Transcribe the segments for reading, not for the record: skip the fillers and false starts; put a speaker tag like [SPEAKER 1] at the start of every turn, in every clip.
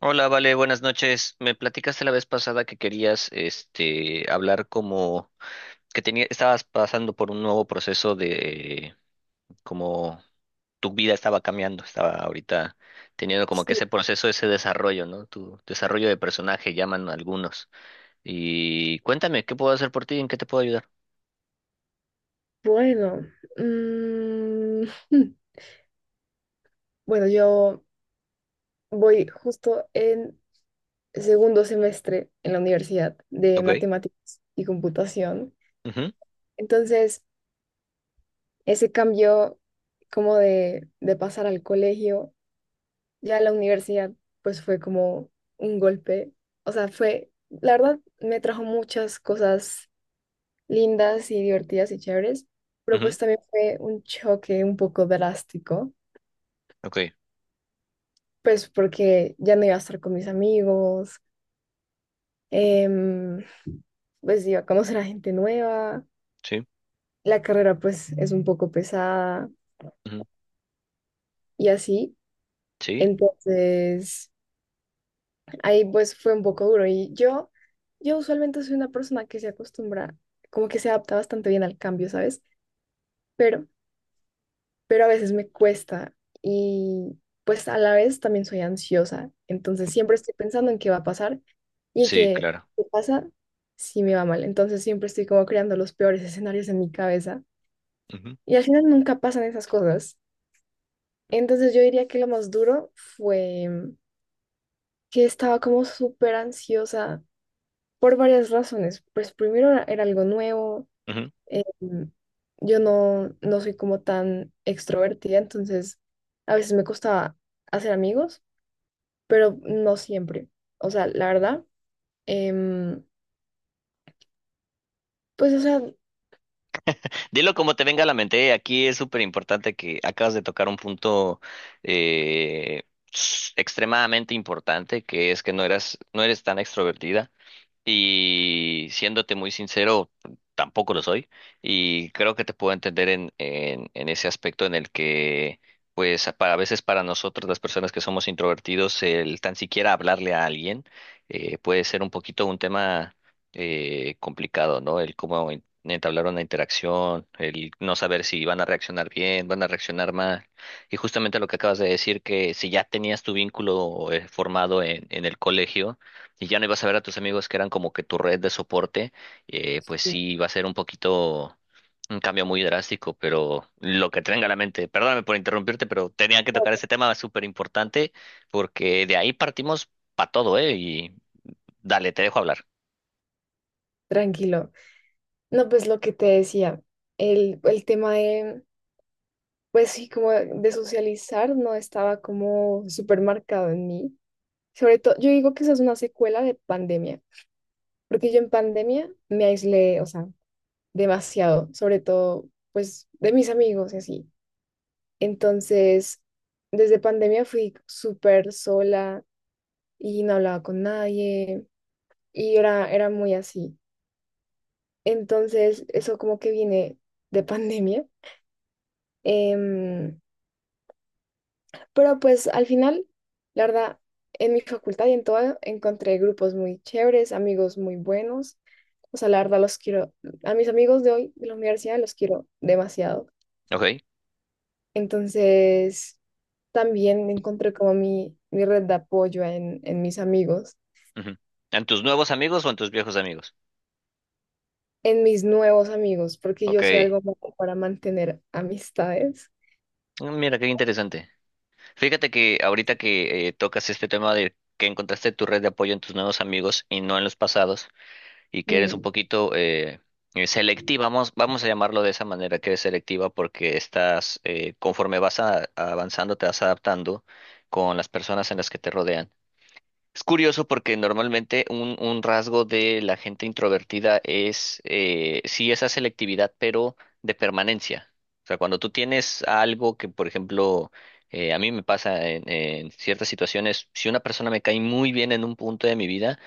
[SPEAKER 1] Hola, Vale, buenas noches. Me platicaste la vez pasada que querías, hablar estabas pasando por un nuevo proceso de como tu vida estaba cambiando, estaba ahorita teniendo como que
[SPEAKER 2] Sí,
[SPEAKER 1] ese proceso, ese desarrollo, ¿no? Tu desarrollo de personaje, llaman algunos. Y cuéntame, ¿qué puedo hacer por ti? ¿En qué te puedo ayudar?
[SPEAKER 2] bueno. mm, bueno, yo voy justo en segundo semestre en la universidad de
[SPEAKER 1] Ok.
[SPEAKER 2] matemáticas y computación.
[SPEAKER 1] Ujú,
[SPEAKER 2] Entonces, ese cambio como de pasar al colegio, ya a la universidad, pues fue como un golpe. O sea, fue, la verdad, me trajo muchas cosas lindas y divertidas y chéveres, pero
[SPEAKER 1] ujú,
[SPEAKER 2] pues también fue un choque un poco drástico
[SPEAKER 1] ok,
[SPEAKER 2] pues porque ya no iba a estar con mis amigos, em, pues iba a conocer a gente nueva,
[SPEAKER 1] sí,
[SPEAKER 2] la carrera pues es un poco pesada
[SPEAKER 1] ujú,
[SPEAKER 2] y así.
[SPEAKER 1] sí,
[SPEAKER 2] Entonces, ahí pues fue un poco duro yo usualmente soy una persona que se acostumbra, como que se adapta bastante bien al cambio, ¿sabes? Pero pero a veces me cuesta y pues a la vez también soy ansiosa, entonces siempre estoy pensando en qué va a pasar y
[SPEAKER 1] sí,
[SPEAKER 2] que
[SPEAKER 1] claro.
[SPEAKER 2] qué pasa si me va mal, entonces siempre estoy como creando los peores escenarios en mi cabeza y al final nunca pasan esas cosas. Entonces yo diría que lo más duro fue que estaba como súper ansiosa por varias razones, pues primero era algo nuevo. Eh, yo no soy como tan extrovertida, entonces a veces me costaba hacer amigos, pero no siempre. O sea, la verdad, em, pues, o sea,
[SPEAKER 1] Dilo como te venga a la mente, ¿eh? Aquí es súper importante que acabas de tocar un punto eh, extremadamente importante, que es que no eras, no eres tan extrovertida. Y siéndote muy sincero, tampoco lo soy. Y creo que te puedo entender en ese aspecto en el que, pues, a veces para nosotros, las personas que somos introvertidos, el tan siquiera hablarle a alguien puede ser un poquito un tema complicado, ¿no? El cómo entablar una interacción, el no saber si van a reaccionar bien, van a reaccionar mal. Y justamente lo que acabas de decir, que si ya tenías tu vínculo formado en el colegio, y ya no ibas a ver a tus amigos que eran como que tu red de soporte, pues sí va a ser un poquito un cambio muy drástico, pero lo que tenga a la mente, perdóname por interrumpirte, pero tenía que
[SPEAKER 2] no,
[SPEAKER 1] tocar ese tema súper importante porque de ahí partimos para todo, ¿eh? Y dale, te dejo hablar.
[SPEAKER 2] tranquilo. No, pues lo que te decía, el tema de, pues sí, como de socializar no estaba como súper marcado en mí. Sobre todo, yo digo que esa es una secuela de pandemia, porque yo en pandemia me aislé, o sea, demasiado, sobre todo pues de mis amigos y así. Entonces, desde pandemia fui súper sola y no hablaba con nadie y era muy así. Entonces, eso como que viene de pandemia. Em, pero pues al final, la verdad, en mi facultad y en todo encontré grupos muy chéveres, amigos muy buenos. O sea, la verdad los quiero, a mis amigos de hoy, de la universidad, los quiero demasiado.
[SPEAKER 1] Ok.
[SPEAKER 2] Entonces, también encontré como mi red de apoyo en mis amigos,
[SPEAKER 1] Ujú. ¿En tus nuevos amigos o en tus viejos amigos?
[SPEAKER 2] en mis nuevos amigos, porque yo soy
[SPEAKER 1] Ok.
[SPEAKER 2] algo como para mantener amistades.
[SPEAKER 1] Mm, mira, qué interesante. Fíjate que ahorita que tocas este tema de que encontraste tu red de apoyo en tus nuevos amigos y no en los pasados, y que eres un
[SPEAKER 2] Mm,
[SPEAKER 1] poquito selectiva, vamos, vamos a llamarlo de esa manera, que eres selectiva porque conforme vas avanzando, te vas adaptando con las personas en las que te rodean. Es curioso porque normalmente un rasgo de la gente introvertida sí, esa selectividad, pero de permanencia. O sea, cuando tú tienes algo que, por ejemplo, a mí me pasa en ciertas situaciones, si una persona me cae muy bien en un punto de mi vida,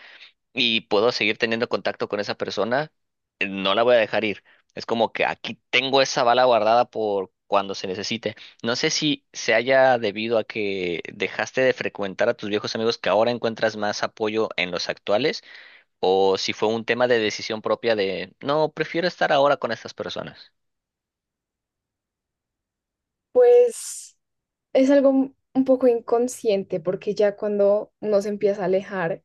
[SPEAKER 1] y puedo seguir teniendo contacto con esa persona, no la voy a dejar ir. Es como que aquí tengo esa bala guardada por cuando se necesite. No sé si se haya debido a que dejaste de frecuentar a tus viejos amigos que ahora encuentras más apoyo en los actuales, o si fue un tema de decisión propia de, no, prefiero estar ahora con estas personas.
[SPEAKER 2] pues es algo un poco inconsciente, porque ya cuando uno se empieza a alejar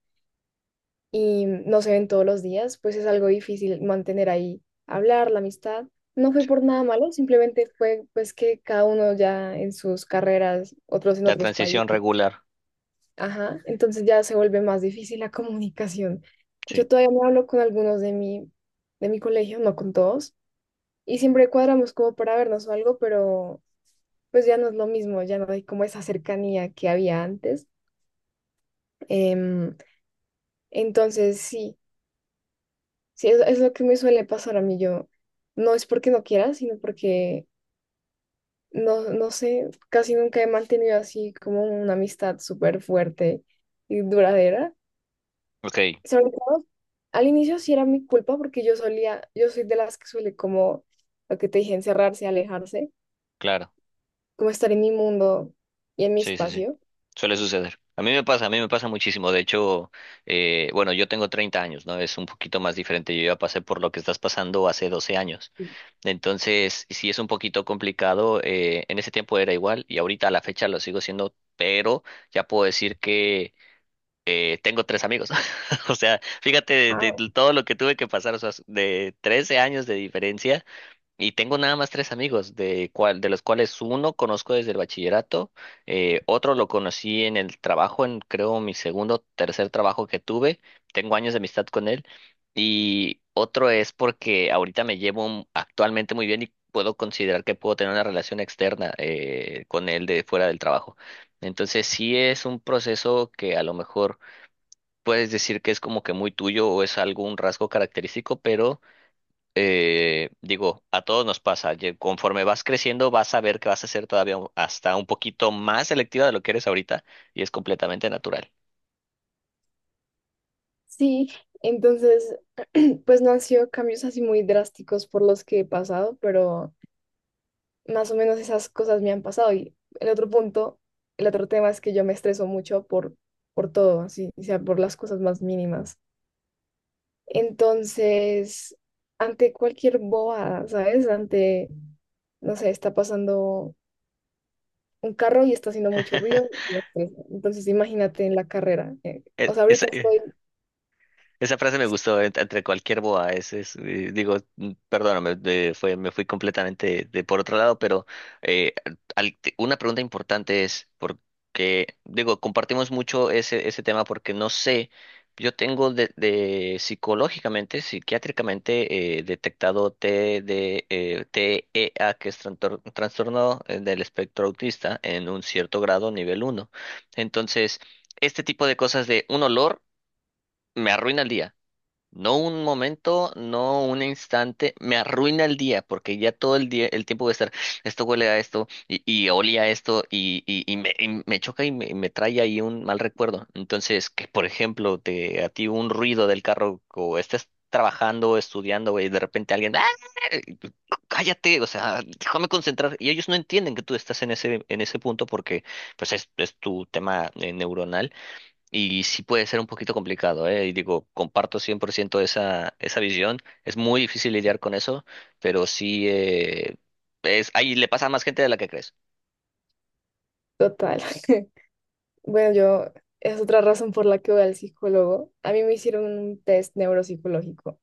[SPEAKER 2] y no se ven todos los días, pues es algo difícil mantener ahí, hablar, la amistad. No fue por nada malo, simplemente fue pues que cada uno ya en sus carreras, otros en
[SPEAKER 1] La
[SPEAKER 2] otros
[SPEAKER 1] transición
[SPEAKER 2] países.
[SPEAKER 1] regular.
[SPEAKER 2] Ajá, entonces ya se vuelve más difícil la comunicación.
[SPEAKER 1] Sí,
[SPEAKER 2] Yo todavía me hablo con algunos de mi colegio, no con todos, y siempre cuadramos como para vernos o algo, pero pues ya no es lo mismo, ya no hay como esa cercanía que había antes. Em, entonces sí, sí, es lo que me suele pasar a mí. Yo no es porque no quiera, sino porque no sé, casi nunca he mantenido así como una amistad súper fuerte y duradera.
[SPEAKER 1] ok,
[SPEAKER 2] Sobre todo al inicio sí era mi culpa porque yo solía, yo soy de las que suele como, lo que te dije, encerrarse, alejarse,
[SPEAKER 1] claro.
[SPEAKER 2] como estar en mi mundo y en mi
[SPEAKER 1] Sí, sí, sí.
[SPEAKER 2] espacio.
[SPEAKER 1] Suele suceder. A mí me pasa, a mí me pasa muchísimo. De hecho, bueno, yo tengo 30 años, ¿no? Es un poquito más diferente. Yo ya pasé por lo que estás pasando hace 12 años. Entonces, sí es un poquito complicado. En ese tiempo era igual y ahorita a la fecha lo sigo siendo, pero ya puedo decir que tengo tres amigos. O sea, fíjate
[SPEAKER 2] Wow.
[SPEAKER 1] de todo lo que tuve que pasar, o sea, de 13 años de diferencia y tengo nada más tres amigos, de los cuales uno conozco desde el bachillerato, otro lo conocí en el trabajo, en creo mi segundo, tercer trabajo que tuve, tengo años de amistad con él, y otro es porque ahorita me llevo actualmente muy bien y puedo considerar que puedo tener una relación externa con él de fuera del trabajo. Entonces sí es un proceso que a lo mejor puedes decir que es como que muy tuyo o es algo un rasgo característico, pero digo, a todos nos pasa. Conforme vas creciendo, vas a ver que vas a ser todavía hasta un poquito más selectiva de lo que eres ahorita y es completamente natural.
[SPEAKER 2] Sí, entonces, pues no han sido cambios así muy drásticos por los que he pasado, pero más o menos esas cosas me han pasado. Y el otro punto, el otro tema es que yo me estreso mucho por todo, así, o sea, por las cosas más mínimas. Entonces, ante cualquier bobada, ¿sabes? Ante, no sé, está pasando un carro y está haciendo mucho ruido y me estresa. Entonces, imagínate en la carrera. O sea,
[SPEAKER 1] Es,
[SPEAKER 2] ahorita estoy
[SPEAKER 1] Esa frase me gustó entre cualquier boa. Digo, perdóname, me fui completamente por otro lado, pero eh, una pregunta importante es, porque, digo, compartimos mucho ese tema porque no sé, yo tengo de psicológicamente, psiquiátricamente detectado TEA que es trastorno del espectro autista, en un cierto grado, nivel uno. Entonces, este tipo de cosas de un olor me arruina el día. No un momento, no un instante, me arruina el día, porque ya todo el día, el tiempo voy a estar, esto huele a esto, y olía a esto, y me choca y me trae ahí un mal recuerdo. Entonces, que por ejemplo, a ti un ruido del carro, o estés trabajando, estudiando, y de repente alguien, ¡ah! Y tú, cállate, o sea, déjame concentrar. Y ellos no entienden que tú estás en en ese punto porque, pues, es tu tema neuronal y sí puede ser un poquito complicado, ¿eh? Y digo, comparto 100% esa visión. Es muy difícil lidiar con eso, pero sí ahí le pasa a más gente de la que crees.
[SPEAKER 2] total. Bueno, yo es otra razón por la que voy al psicólogo. A mí me hicieron un test neuropsicológico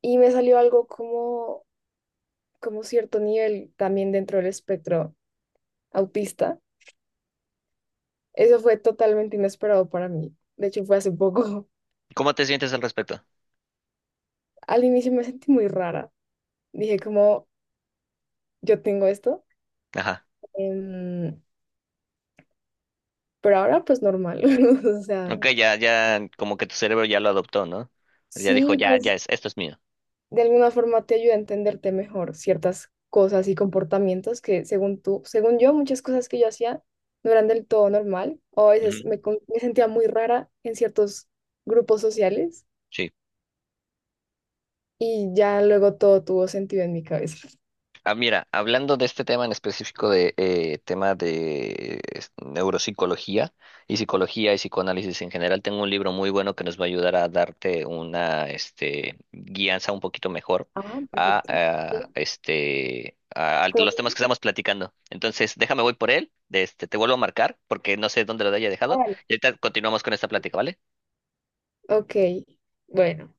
[SPEAKER 2] y me salió algo como, como cierto nivel también dentro del espectro autista. Eso fue totalmente inesperado para mí. De hecho, fue hace poco.
[SPEAKER 1] ¿Cómo te sientes al respecto?
[SPEAKER 2] Al inicio me sentí muy rara. Dije como, yo tengo esto.
[SPEAKER 1] Ajá.
[SPEAKER 2] em, pero ahora pues normal. O sea,
[SPEAKER 1] Ok, ya, ya, como que tu cerebro ya lo adoptó, ¿no? Ya dijo,
[SPEAKER 2] sí,
[SPEAKER 1] ya,
[SPEAKER 2] pues
[SPEAKER 1] ya esto es mío.
[SPEAKER 2] de alguna forma te ayuda a entenderte mejor ciertas cosas y comportamientos que según tú, según yo, muchas cosas que yo hacía no eran del todo normal o a
[SPEAKER 1] Ujú.
[SPEAKER 2] veces me sentía muy rara en ciertos grupos sociales
[SPEAKER 1] Sí.
[SPEAKER 2] y ya luego todo tuvo sentido en mi cabeza.
[SPEAKER 1] Ah, mira, hablando de este tema en específico de tema de neuropsicología y psicología y psicoanálisis en general, tengo un libro muy bueno que nos va a ayudar a darte una guianza un poquito mejor
[SPEAKER 2] Ah,
[SPEAKER 1] a,
[SPEAKER 2] perfecto.
[SPEAKER 1] a,
[SPEAKER 2] Sí.
[SPEAKER 1] este a, a
[SPEAKER 2] ¿Cómo
[SPEAKER 1] los
[SPEAKER 2] se
[SPEAKER 1] temas
[SPEAKER 2] llama?
[SPEAKER 1] que estamos platicando. Entonces, déjame voy por él, te vuelvo a marcar porque no sé dónde lo haya
[SPEAKER 2] Ah,
[SPEAKER 1] dejado
[SPEAKER 2] vale.
[SPEAKER 1] y ahorita continuamos con esta plática, ¿vale?
[SPEAKER 2] Ok, bueno.